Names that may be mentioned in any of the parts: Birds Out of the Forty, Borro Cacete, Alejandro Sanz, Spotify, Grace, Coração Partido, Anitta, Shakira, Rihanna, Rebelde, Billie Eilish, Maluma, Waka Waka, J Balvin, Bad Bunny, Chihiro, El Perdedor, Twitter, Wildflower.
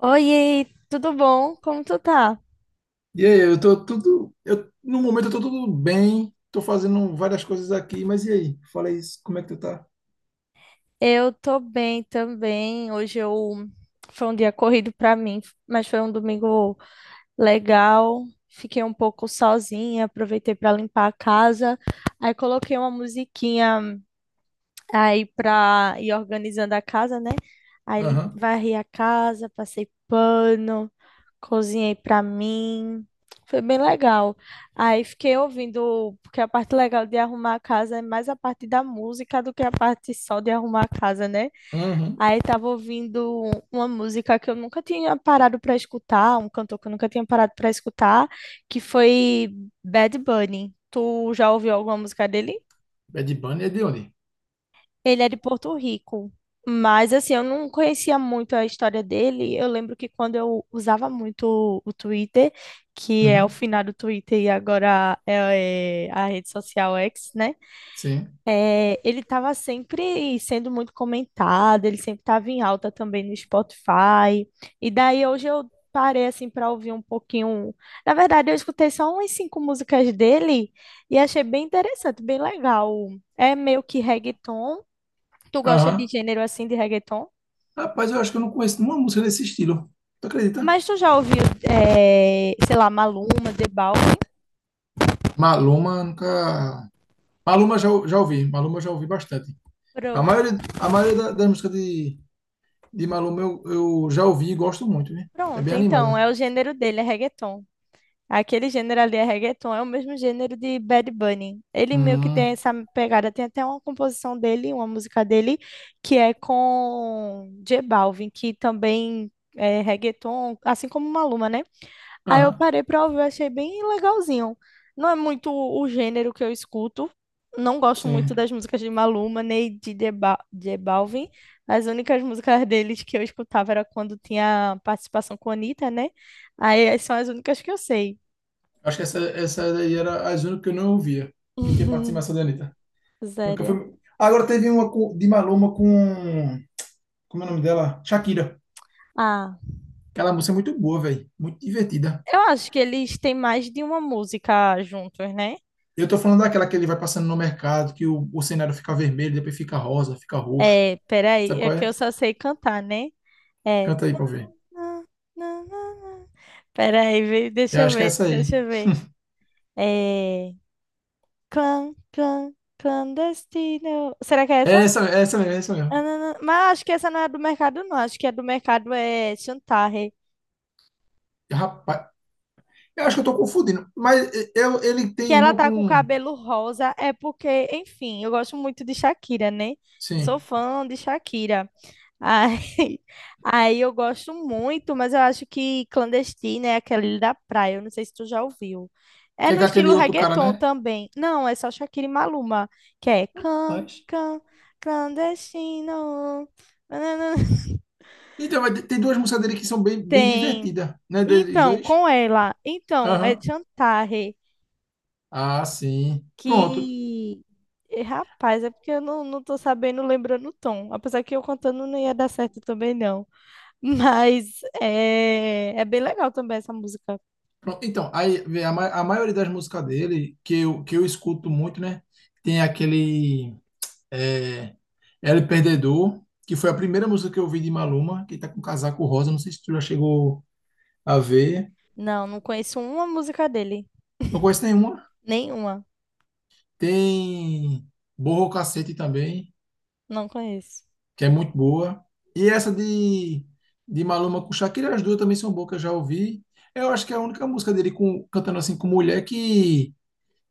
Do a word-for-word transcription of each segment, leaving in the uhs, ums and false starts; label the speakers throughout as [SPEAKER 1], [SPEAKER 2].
[SPEAKER 1] Oi, tudo bom? Como tu tá?
[SPEAKER 2] E aí, eu tô tudo. Eu, no momento eu tô tudo bem, tô fazendo várias coisas aqui, mas e aí? Fala isso, como é que tu tá?
[SPEAKER 1] Eu tô bem também. Hoje eu foi um dia corrido pra mim, mas foi um domingo legal. Fiquei um pouco sozinha, aproveitei pra limpar a casa. Aí coloquei uma musiquinha aí pra ir organizando a casa, né? Aí lim-
[SPEAKER 2] Aham,
[SPEAKER 1] varri a casa, passei pano, cozinhei pra mim. Foi bem legal. Aí fiquei ouvindo, porque a parte legal de arrumar a casa é mais a parte da música do que a parte só de arrumar a casa, né?
[SPEAKER 2] aham.
[SPEAKER 1] Aí tava ouvindo uma música que eu nunca tinha parado pra escutar, um cantor que eu nunca tinha parado pra escutar, que foi Bad Bunny. Tu já ouviu alguma música dele?
[SPEAKER 2] Bad Bunny é de onde?
[SPEAKER 1] Ele é de Porto Rico, mas assim, eu não conhecia muito a história dele. Eu lembro que quando eu usava muito o Twitter, que é o
[SPEAKER 2] Uhum,
[SPEAKER 1] finado Twitter e agora é, é a rede social X, né?
[SPEAKER 2] sim.
[SPEAKER 1] É, ele estava sempre sendo muito comentado, ele sempre estava em alta também no Spotify. E daí hoje eu parei assim para ouvir um pouquinho. Na verdade, eu escutei só umas cinco músicas dele e achei bem interessante, bem legal. É meio que reggaeton. Tu gosta de
[SPEAKER 2] Aham.
[SPEAKER 1] gênero assim de reggaeton?
[SPEAKER 2] Rapaz, eu acho que eu não conheço nenhuma música desse estilo. Tu acredita?
[SPEAKER 1] Mas tu já ouviu, eh, sei lá, Maluma, The Balvin?
[SPEAKER 2] Maluma nunca. Maluma já, já ouvi, Maluma já ouvi bastante. A
[SPEAKER 1] Pronto.
[SPEAKER 2] maioria, a maioria da, das músicas de, de Maluma eu, eu já ouvi e gosto muito, né? É
[SPEAKER 1] Pronto,
[SPEAKER 2] bem
[SPEAKER 1] então,
[SPEAKER 2] animada.
[SPEAKER 1] é o gênero dele, é reggaeton. Aquele gênero ali é reggaeton, é o mesmo gênero de Bad Bunny. Ele meio que
[SPEAKER 2] Hum,
[SPEAKER 1] tem essa pegada, tem até uma composição dele, uma música dele, que é com J Balvin, que também é reggaeton, assim como Maluma, né? Aí eu
[SPEAKER 2] aham,
[SPEAKER 1] parei pra ouvir, achei bem legalzinho. Não é muito o gênero que eu escuto. Não gosto
[SPEAKER 2] sim.
[SPEAKER 1] muito das músicas de Maluma, nem de J Ba- J Balvin. As únicas músicas deles que eu escutava era quando tinha participação com a Anitta, né? Aí as- são as únicas que eu sei.
[SPEAKER 2] Acho que essa, essa daí era a única que eu não ouvia, que tinha
[SPEAKER 1] Uhum.
[SPEAKER 2] participação da Anitta. Nunca
[SPEAKER 1] Sério.
[SPEAKER 2] foi. Agora teve uma com- de Maluma com. Como é o nome dela? Shakira.
[SPEAKER 1] Ah,
[SPEAKER 2] Aquela música é muito boa, velho. Muito divertida.
[SPEAKER 1] eu acho que eles têm mais de uma música juntos, né?
[SPEAKER 2] Eu tô falando daquela que ele vai passando no mercado, que o, o cenário fica vermelho, depois fica rosa, fica roxo.
[SPEAKER 1] É, peraí,
[SPEAKER 2] Sabe
[SPEAKER 1] é
[SPEAKER 2] qual
[SPEAKER 1] que eu
[SPEAKER 2] é?
[SPEAKER 1] só sei cantar, né? É.
[SPEAKER 2] Canta aí pra eu ver.
[SPEAKER 1] Peraí, vê- deixa
[SPEAKER 2] Eu
[SPEAKER 1] eu
[SPEAKER 2] acho que é
[SPEAKER 1] ver,
[SPEAKER 2] essa aí.
[SPEAKER 1] deixa eu ver. É... Clan, clan, clandestino. Será que é
[SPEAKER 2] É
[SPEAKER 1] essa?
[SPEAKER 2] essa, é essa mesmo, é essa
[SPEAKER 1] Ah,
[SPEAKER 2] mesmo.
[SPEAKER 1] não, não. Mas acho que essa não é do mercado, não. Acho que é do mercado é Chantarre.
[SPEAKER 2] Rapaz, eu acho que eu tô confundindo. Mas eu, ele
[SPEAKER 1] Que
[SPEAKER 2] tem
[SPEAKER 1] ela
[SPEAKER 2] uma
[SPEAKER 1] tá com o
[SPEAKER 2] com.
[SPEAKER 1] cabelo rosa. É porque, enfim, eu gosto muito de Shakira, né? Eu sou
[SPEAKER 2] Sim.
[SPEAKER 1] fã de Shakira. Aí, aí eu gosto muito, mas eu acho que clandestina é aquele da praia. Eu não sei se tu já ouviu. É
[SPEAKER 2] Que é
[SPEAKER 1] no
[SPEAKER 2] com
[SPEAKER 1] estilo
[SPEAKER 2] aquele outro cara,
[SPEAKER 1] reggaeton
[SPEAKER 2] né?
[SPEAKER 1] também. Não, é só Shakira e Maluma, que é can,
[SPEAKER 2] Mas.
[SPEAKER 1] can, clandestino. Nananã.
[SPEAKER 2] Então, mas tem duas músicas dele que são bem, bem
[SPEAKER 1] Tem.
[SPEAKER 2] divertidas, né? Deles
[SPEAKER 1] Então,
[SPEAKER 2] dois.
[SPEAKER 1] com ela. Então, é
[SPEAKER 2] Aham.
[SPEAKER 1] Chantarre,
[SPEAKER 2] Ah, sim. Pronto.
[SPEAKER 1] que. Eh, Rapaz, é porque eu não, não tô sabendo, lembrando o tom. Apesar que eu contando não ia dar certo também, não. Mas é, é bem legal também essa música.
[SPEAKER 2] Pronto. Então, aí vê, a, ma- a maioria das músicas dele, que eu, que eu escuto muito, né? Tem aquele é, El Perdedor, que foi a primeira música que eu vi de Maluma, que tá com casaco rosa. Não sei se tu já chegou a ver.
[SPEAKER 1] Não, não conheço uma música dele.
[SPEAKER 2] Não conheço nenhuma.
[SPEAKER 1] Nenhuma.
[SPEAKER 2] Tem Borro Cacete também,
[SPEAKER 1] Não conheço.
[SPEAKER 2] que é muito boa. E essa de, de Maluma com Shakira, as duas também são boas, que eu já ouvi. Eu acho que é a única música dele com, cantando assim com mulher que,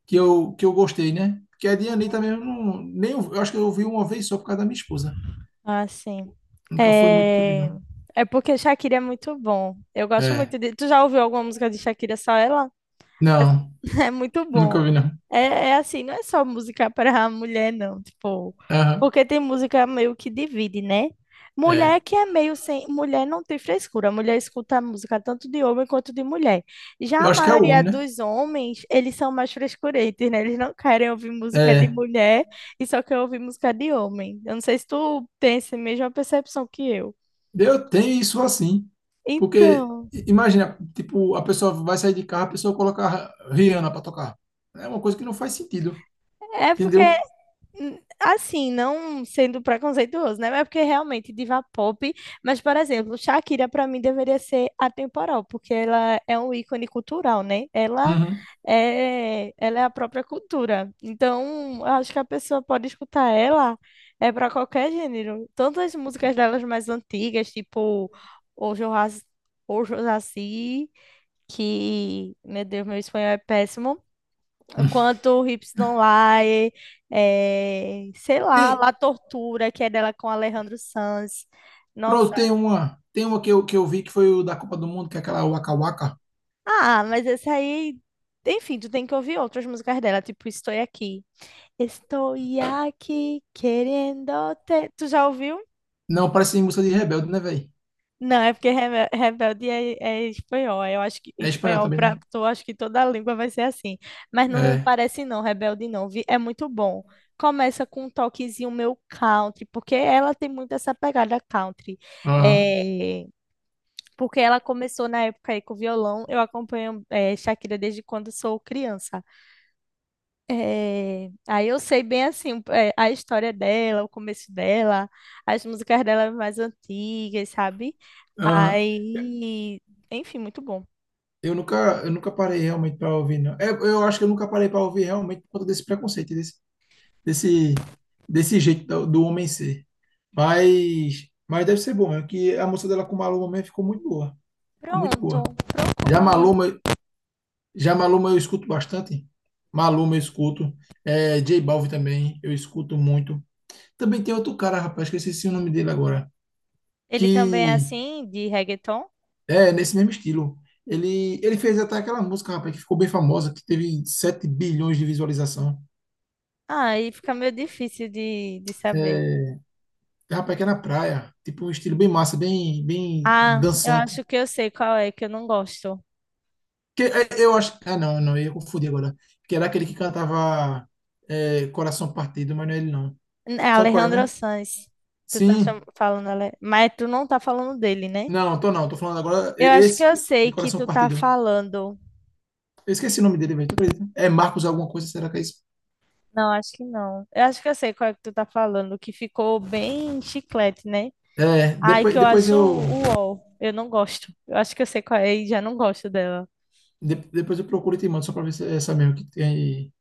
[SPEAKER 2] que, eu, que eu gostei, né? Porque a de
[SPEAKER 1] Uhum.
[SPEAKER 2] Anitta mesmo, não, nem, eu eu acho que eu ouvi uma vez só por causa da minha esposa.
[SPEAKER 1] Ah, sim.
[SPEAKER 2] Nunca foi muito que eu vi,
[SPEAKER 1] É,
[SPEAKER 2] não.
[SPEAKER 1] é porque Shakira é muito bom. Eu gosto
[SPEAKER 2] É.
[SPEAKER 1] muito de. Tu já ouviu alguma música de Shakira, só ela? Mas
[SPEAKER 2] Não,
[SPEAKER 1] é muito
[SPEAKER 2] nunca
[SPEAKER 1] bom.
[SPEAKER 2] ouvi, não.
[SPEAKER 1] É, é assim, não é só música para mulher, não. Tipo,
[SPEAKER 2] Aham,
[SPEAKER 1] porque tem música meio que divide, né?
[SPEAKER 2] é.
[SPEAKER 1] Mulher que é meio sem. Mulher não tem frescura. Mulher escuta música tanto de homem quanto de mulher. Já
[SPEAKER 2] Eu
[SPEAKER 1] a
[SPEAKER 2] acho que é o
[SPEAKER 1] maioria
[SPEAKER 2] homem, né?
[SPEAKER 1] dos homens, eles são mais frescurentos, né? Eles não querem ouvir música de
[SPEAKER 2] É.
[SPEAKER 1] mulher e só querem ouvir música de homem. Eu não sei se tu tem essa mesma percepção que eu.
[SPEAKER 2] Eu tenho isso assim. Porque,
[SPEAKER 1] Então,
[SPEAKER 2] i- imagina, tipo, a pessoa vai sair de carro, a pessoa coloca a Rihanna pra tocar. É uma coisa que não faz sentido,
[SPEAKER 1] é porque
[SPEAKER 2] entendeu?
[SPEAKER 1] hum, assim, não sendo preconceituoso, né? Mas porque realmente diva pop. Mas, por exemplo, Shakira pra mim deveria ser atemporal, porque ela é um ícone cultural, né? Ela
[SPEAKER 2] Uhum.
[SPEAKER 1] é, ela é a própria cultura. Então, eu acho que a pessoa pode escutar ela é para qualquer gênero. Tanto as músicas delas mais antigas, tipo Ojo Raci, Ojo Raci, que, meu Deus, meu espanhol é péssimo. Quanto o Hips Don't Lie, é, sei lá,
[SPEAKER 2] Tem,
[SPEAKER 1] La Tortura, que é dela com Alejandro Sanz.
[SPEAKER 2] pronto,
[SPEAKER 1] Nossa.
[SPEAKER 2] tem uma. Tem uma que eu, que eu vi que foi o da Copa do Mundo, que é aquela Waka Waka.
[SPEAKER 1] Ah, mas esse aí. Enfim, tu tem que ouvir outras músicas dela, tipo Estou Aqui. Estou aqui querendo te. Tu já ouviu?
[SPEAKER 2] Não, parece música de Rebelde, né, velho?
[SPEAKER 1] Não, é porque rebe- rebelde é, é espanhol. Eu acho que
[SPEAKER 2] É espanhol
[SPEAKER 1] espanhol
[SPEAKER 2] também,
[SPEAKER 1] para
[SPEAKER 2] né?
[SPEAKER 1] tu, acho que toda a língua vai ser assim. Mas não
[SPEAKER 2] É.
[SPEAKER 1] parece não, rebelde não. vi- É muito bom. Começa com um toquezinho meu country, porque ela tem muito essa pegada country.
[SPEAKER 2] Aham.
[SPEAKER 1] É, porque ela começou na época aí com violão. Eu acompanho é, Shakira desde quando sou criança. É, aí eu sei bem assim um, é, a história dela, o começo dela, as músicas dela mais antigas, sabe?
[SPEAKER 2] Aham.
[SPEAKER 1] Aí, enfim, muito bom.
[SPEAKER 2] Eu nunca, eu nunca parei realmente para ouvir, não. É, eu acho que eu nunca parei para ouvir realmente por conta desse preconceito, desse, desse, desse jeito do, do homem ser. Mas, mas deve ser bom, é que a música dela com o Maluma mesmo ficou muito boa. Ficou muito
[SPEAKER 1] Pronto,
[SPEAKER 2] boa. Já
[SPEAKER 1] procura aí.
[SPEAKER 2] Maluma, Já Maluma eu escuto bastante. Maluma eu escuto. É, jota Balvin também eu escuto muito. Também tem outro cara, rapaz, que eu esqueci o nome dele agora.
[SPEAKER 1] Ele também é
[SPEAKER 2] Que
[SPEAKER 1] assim, de reggaeton?
[SPEAKER 2] é nesse mesmo estilo. Ele, ele fez até aquela música, rapaz, que ficou bem famosa, que teve sete bilhões de visualização.
[SPEAKER 1] Ah, aí fica meio difícil de, de saber.
[SPEAKER 2] É, rapaz, que é na praia. Tipo um estilo bem massa, bem, bem
[SPEAKER 1] Ah, eu
[SPEAKER 2] dançante.
[SPEAKER 1] acho que eu sei qual é, que eu não gosto.
[SPEAKER 2] Que, é, eu acho. Ah, não, não, eu ia confundir agora. Que era aquele que cantava é, Coração Partido, mas não é ele não.
[SPEAKER 1] É
[SPEAKER 2] Sabe qual é,
[SPEAKER 1] Alejandro
[SPEAKER 2] né?
[SPEAKER 1] Sanz. Tu tá
[SPEAKER 2] Sim,
[SPEAKER 1] cham- falando, Ale- mas tu não tá falando dele, né?
[SPEAKER 2] não, tô não, tô falando agora e-
[SPEAKER 1] Eu acho que
[SPEAKER 2] esse
[SPEAKER 1] eu
[SPEAKER 2] que- de
[SPEAKER 1] sei que
[SPEAKER 2] coração
[SPEAKER 1] tu tá
[SPEAKER 2] partido.
[SPEAKER 1] falando.
[SPEAKER 2] Eu esqueci o nome dele, velho, tu acredita? É Marcos alguma coisa, será que é isso?
[SPEAKER 1] Não, acho que não. Eu acho que eu sei qual é que tu tá falando, que ficou bem chiclete, né?
[SPEAKER 2] É,
[SPEAKER 1] Ai, que
[SPEAKER 2] depois,
[SPEAKER 1] eu
[SPEAKER 2] depois
[SPEAKER 1] acho
[SPEAKER 2] eu
[SPEAKER 1] o u o ele. Eu não gosto. Eu acho que eu sei qual é e já não gosto dela.
[SPEAKER 2] de- depois eu procuro e te mando só pra ver se é essa mesmo que tem,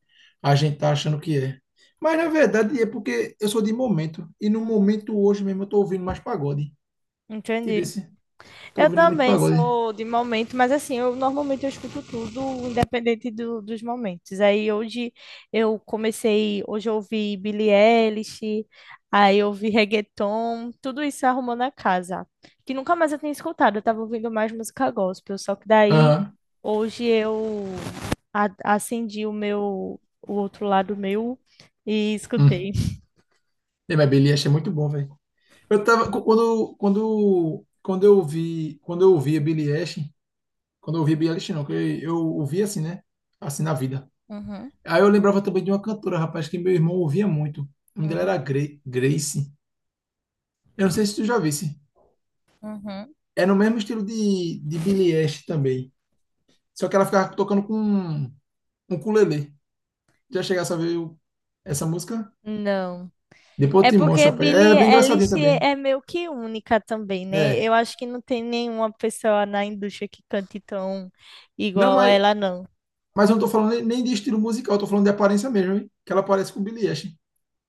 [SPEAKER 2] a gente tá achando que é. Mas na verdade é porque eu sou de momento e no
[SPEAKER 1] Uhum.
[SPEAKER 2] momento hoje mesmo eu tô ouvindo mais pagode. Te
[SPEAKER 1] Entendi.
[SPEAKER 2] disse, tô
[SPEAKER 1] Eu
[SPEAKER 2] ouvindo muito
[SPEAKER 1] também
[SPEAKER 2] pagode.
[SPEAKER 1] sou de momento, mas assim, eu normalmente eu escuto tudo, independente do- dos momentos. Aí hoje eu comecei, hoje eu ouvi Billie Eilish, aí eu ouvi reggaeton, tudo isso arrumou na casa, que nunca mais eu tinha escutado, eu tava ouvindo mais música gospel, só que daí
[SPEAKER 2] Aham.
[SPEAKER 1] hoje eu a- acendi o meu, o outro lado meu e
[SPEAKER 2] Hum.
[SPEAKER 1] escutei.
[SPEAKER 2] E, mas Billie Eilish é muito bom, velho. Eu tava quando quando quando eu ouvi, quando eu ouvi a Billie Eilish. Quando eu ouvia Billie Eilish, não, que eu eu ouvia assim, né? Assim na vida.
[SPEAKER 1] Uhum,
[SPEAKER 2] Aí eu lembrava também de uma cantora, rapaz, que meu irmão ouvia muito. O nome dela era
[SPEAKER 1] uhum,
[SPEAKER 2] Gre- Grace. Eu não sei se tu já visse.
[SPEAKER 1] uhum.
[SPEAKER 2] É no mesmo estilo de, de Billie Eilish também. Só que ela ficava tocando com um ukulele. Já chegasse a ver o- essa música?
[SPEAKER 1] Não.
[SPEAKER 2] Depois eu
[SPEAKER 1] É
[SPEAKER 2] te mostro,
[SPEAKER 1] porque
[SPEAKER 2] rapaz. Ela é
[SPEAKER 1] Billie
[SPEAKER 2] bem engraçadinha
[SPEAKER 1] Eilish
[SPEAKER 2] também.
[SPEAKER 1] é meio que única também, né?
[SPEAKER 2] É.
[SPEAKER 1] Eu acho que não tem nenhuma pessoa na indústria que cante tão
[SPEAKER 2] Não,
[SPEAKER 1] igual a
[SPEAKER 2] mas,
[SPEAKER 1] ela, não.
[SPEAKER 2] mas eu não tô falando nem nem de estilo musical, eu tô falando de aparência mesmo, hein? Que ela parece com Billie Eilish.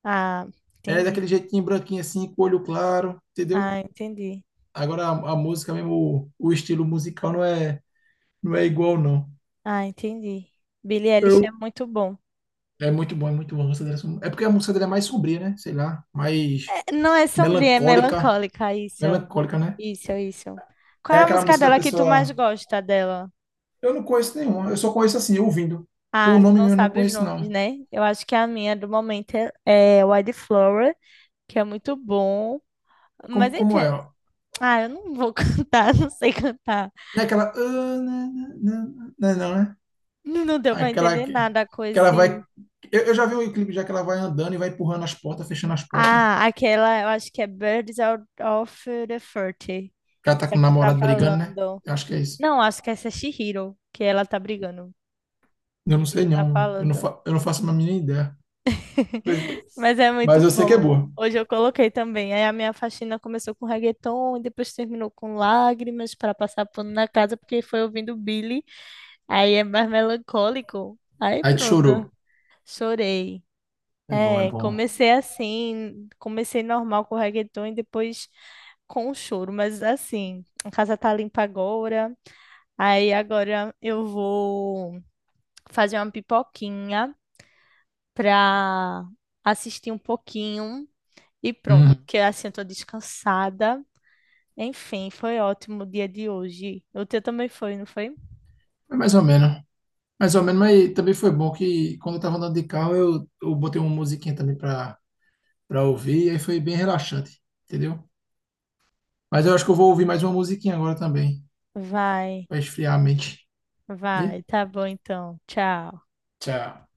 [SPEAKER 1] Ah,
[SPEAKER 2] É
[SPEAKER 1] entendi.
[SPEAKER 2] daquele jeitinho branquinho assim, com olho claro, entendeu?
[SPEAKER 1] Ah, entendi.
[SPEAKER 2] Agora a, a música mesmo, o, o estilo musical não é, não é igual, não.
[SPEAKER 1] Ah, entendi. Billie Eilish é
[SPEAKER 2] Eu.
[SPEAKER 1] muito bom.
[SPEAKER 2] É muito bom, é muito bom a música dele. É porque a música dele é mais sombria, né? Sei lá, mais
[SPEAKER 1] É, não é sombria, é
[SPEAKER 2] melancólica.
[SPEAKER 1] melancólica, isso.
[SPEAKER 2] Melancólica, né?
[SPEAKER 1] Isso, isso. Qual
[SPEAKER 2] É
[SPEAKER 1] é a
[SPEAKER 2] aquela
[SPEAKER 1] música
[SPEAKER 2] música da
[SPEAKER 1] dela que tu mais
[SPEAKER 2] pessoa.
[SPEAKER 1] gosta dela?
[SPEAKER 2] Eu não conheço nenhuma, eu só conheço assim, ouvindo. Por
[SPEAKER 1] Ah, tu
[SPEAKER 2] nome
[SPEAKER 1] não
[SPEAKER 2] mesmo eu não
[SPEAKER 1] sabe os
[SPEAKER 2] conheço,
[SPEAKER 1] nomes,
[SPEAKER 2] não.
[SPEAKER 1] né? Eu acho que a minha do momento é, é Wildflower, que é muito bom. Mas
[SPEAKER 2] Como, como é,
[SPEAKER 1] enfim,
[SPEAKER 2] ó?
[SPEAKER 1] ah, eu não vou cantar, não sei cantar.
[SPEAKER 2] Não é aquela. "Ah, né, né, né, né", não, né?
[SPEAKER 1] Não deu pra
[SPEAKER 2] Aquela
[SPEAKER 1] entender
[SPEAKER 2] que
[SPEAKER 1] nada com
[SPEAKER 2] que ela vai.
[SPEAKER 1] esse.
[SPEAKER 2] Eu, eu já vi um clipe já que ela vai andando e vai empurrando as portas, fechando as portas, né?
[SPEAKER 1] Ah, aquela, eu acho que é Birds Out of the Forty.
[SPEAKER 2] Que ela tá
[SPEAKER 1] Essa
[SPEAKER 2] com o
[SPEAKER 1] que tu tá
[SPEAKER 2] namorado brigando, né?
[SPEAKER 1] falando.
[SPEAKER 2] Eu acho que é isso.
[SPEAKER 1] Não, acho que essa é Chihiro, que ela tá brigando.
[SPEAKER 2] Eu não
[SPEAKER 1] Que
[SPEAKER 2] sei
[SPEAKER 1] tu tá
[SPEAKER 2] não. Eu não,
[SPEAKER 1] falando.
[SPEAKER 2] fa- eu não faço uma mínima ideia. Pois é.
[SPEAKER 1] Mas é
[SPEAKER 2] Mas
[SPEAKER 1] muito
[SPEAKER 2] eu sei que é
[SPEAKER 1] bom.
[SPEAKER 2] boa.
[SPEAKER 1] Hoje eu coloquei também. Aí a minha faxina começou com reggaeton e depois terminou com lágrimas para passar pano na casa, porque foi ouvindo Billy. Aí é mais melancólico. Aí
[SPEAKER 2] Aí te
[SPEAKER 1] pronto.
[SPEAKER 2] chorou.
[SPEAKER 1] Chorei.
[SPEAKER 2] É bom, é
[SPEAKER 1] É,
[SPEAKER 2] bom.
[SPEAKER 1] comecei assim, comecei normal com o reggaeton e depois com o choro, mas assim, a casa tá limpa agora. Aí agora eu vou fazer uma pipoquinha pra assistir um pouquinho e pronto,
[SPEAKER 2] Uhum.
[SPEAKER 1] porque assim eu tô descansada. Enfim, foi ótimo o dia de hoje. O teu também foi, não foi?
[SPEAKER 2] É mais ou menos. Mais ou menos, mas também foi bom que quando eu tava andando de carro, eu, eu botei uma musiquinha também pra, pra ouvir, e aí foi bem relaxante, entendeu? Mas eu acho que eu vou ouvir mais uma musiquinha agora também,
[SPEAKER 1] Vai,
[SPEAKER 2] pra esfriar a mente.
[SPEAKER 1] vai,
[SPEAKER 2] Viu?
[SPEAKER 1] tá bom então. Tchau.
[SPEAKER 2] Tchau.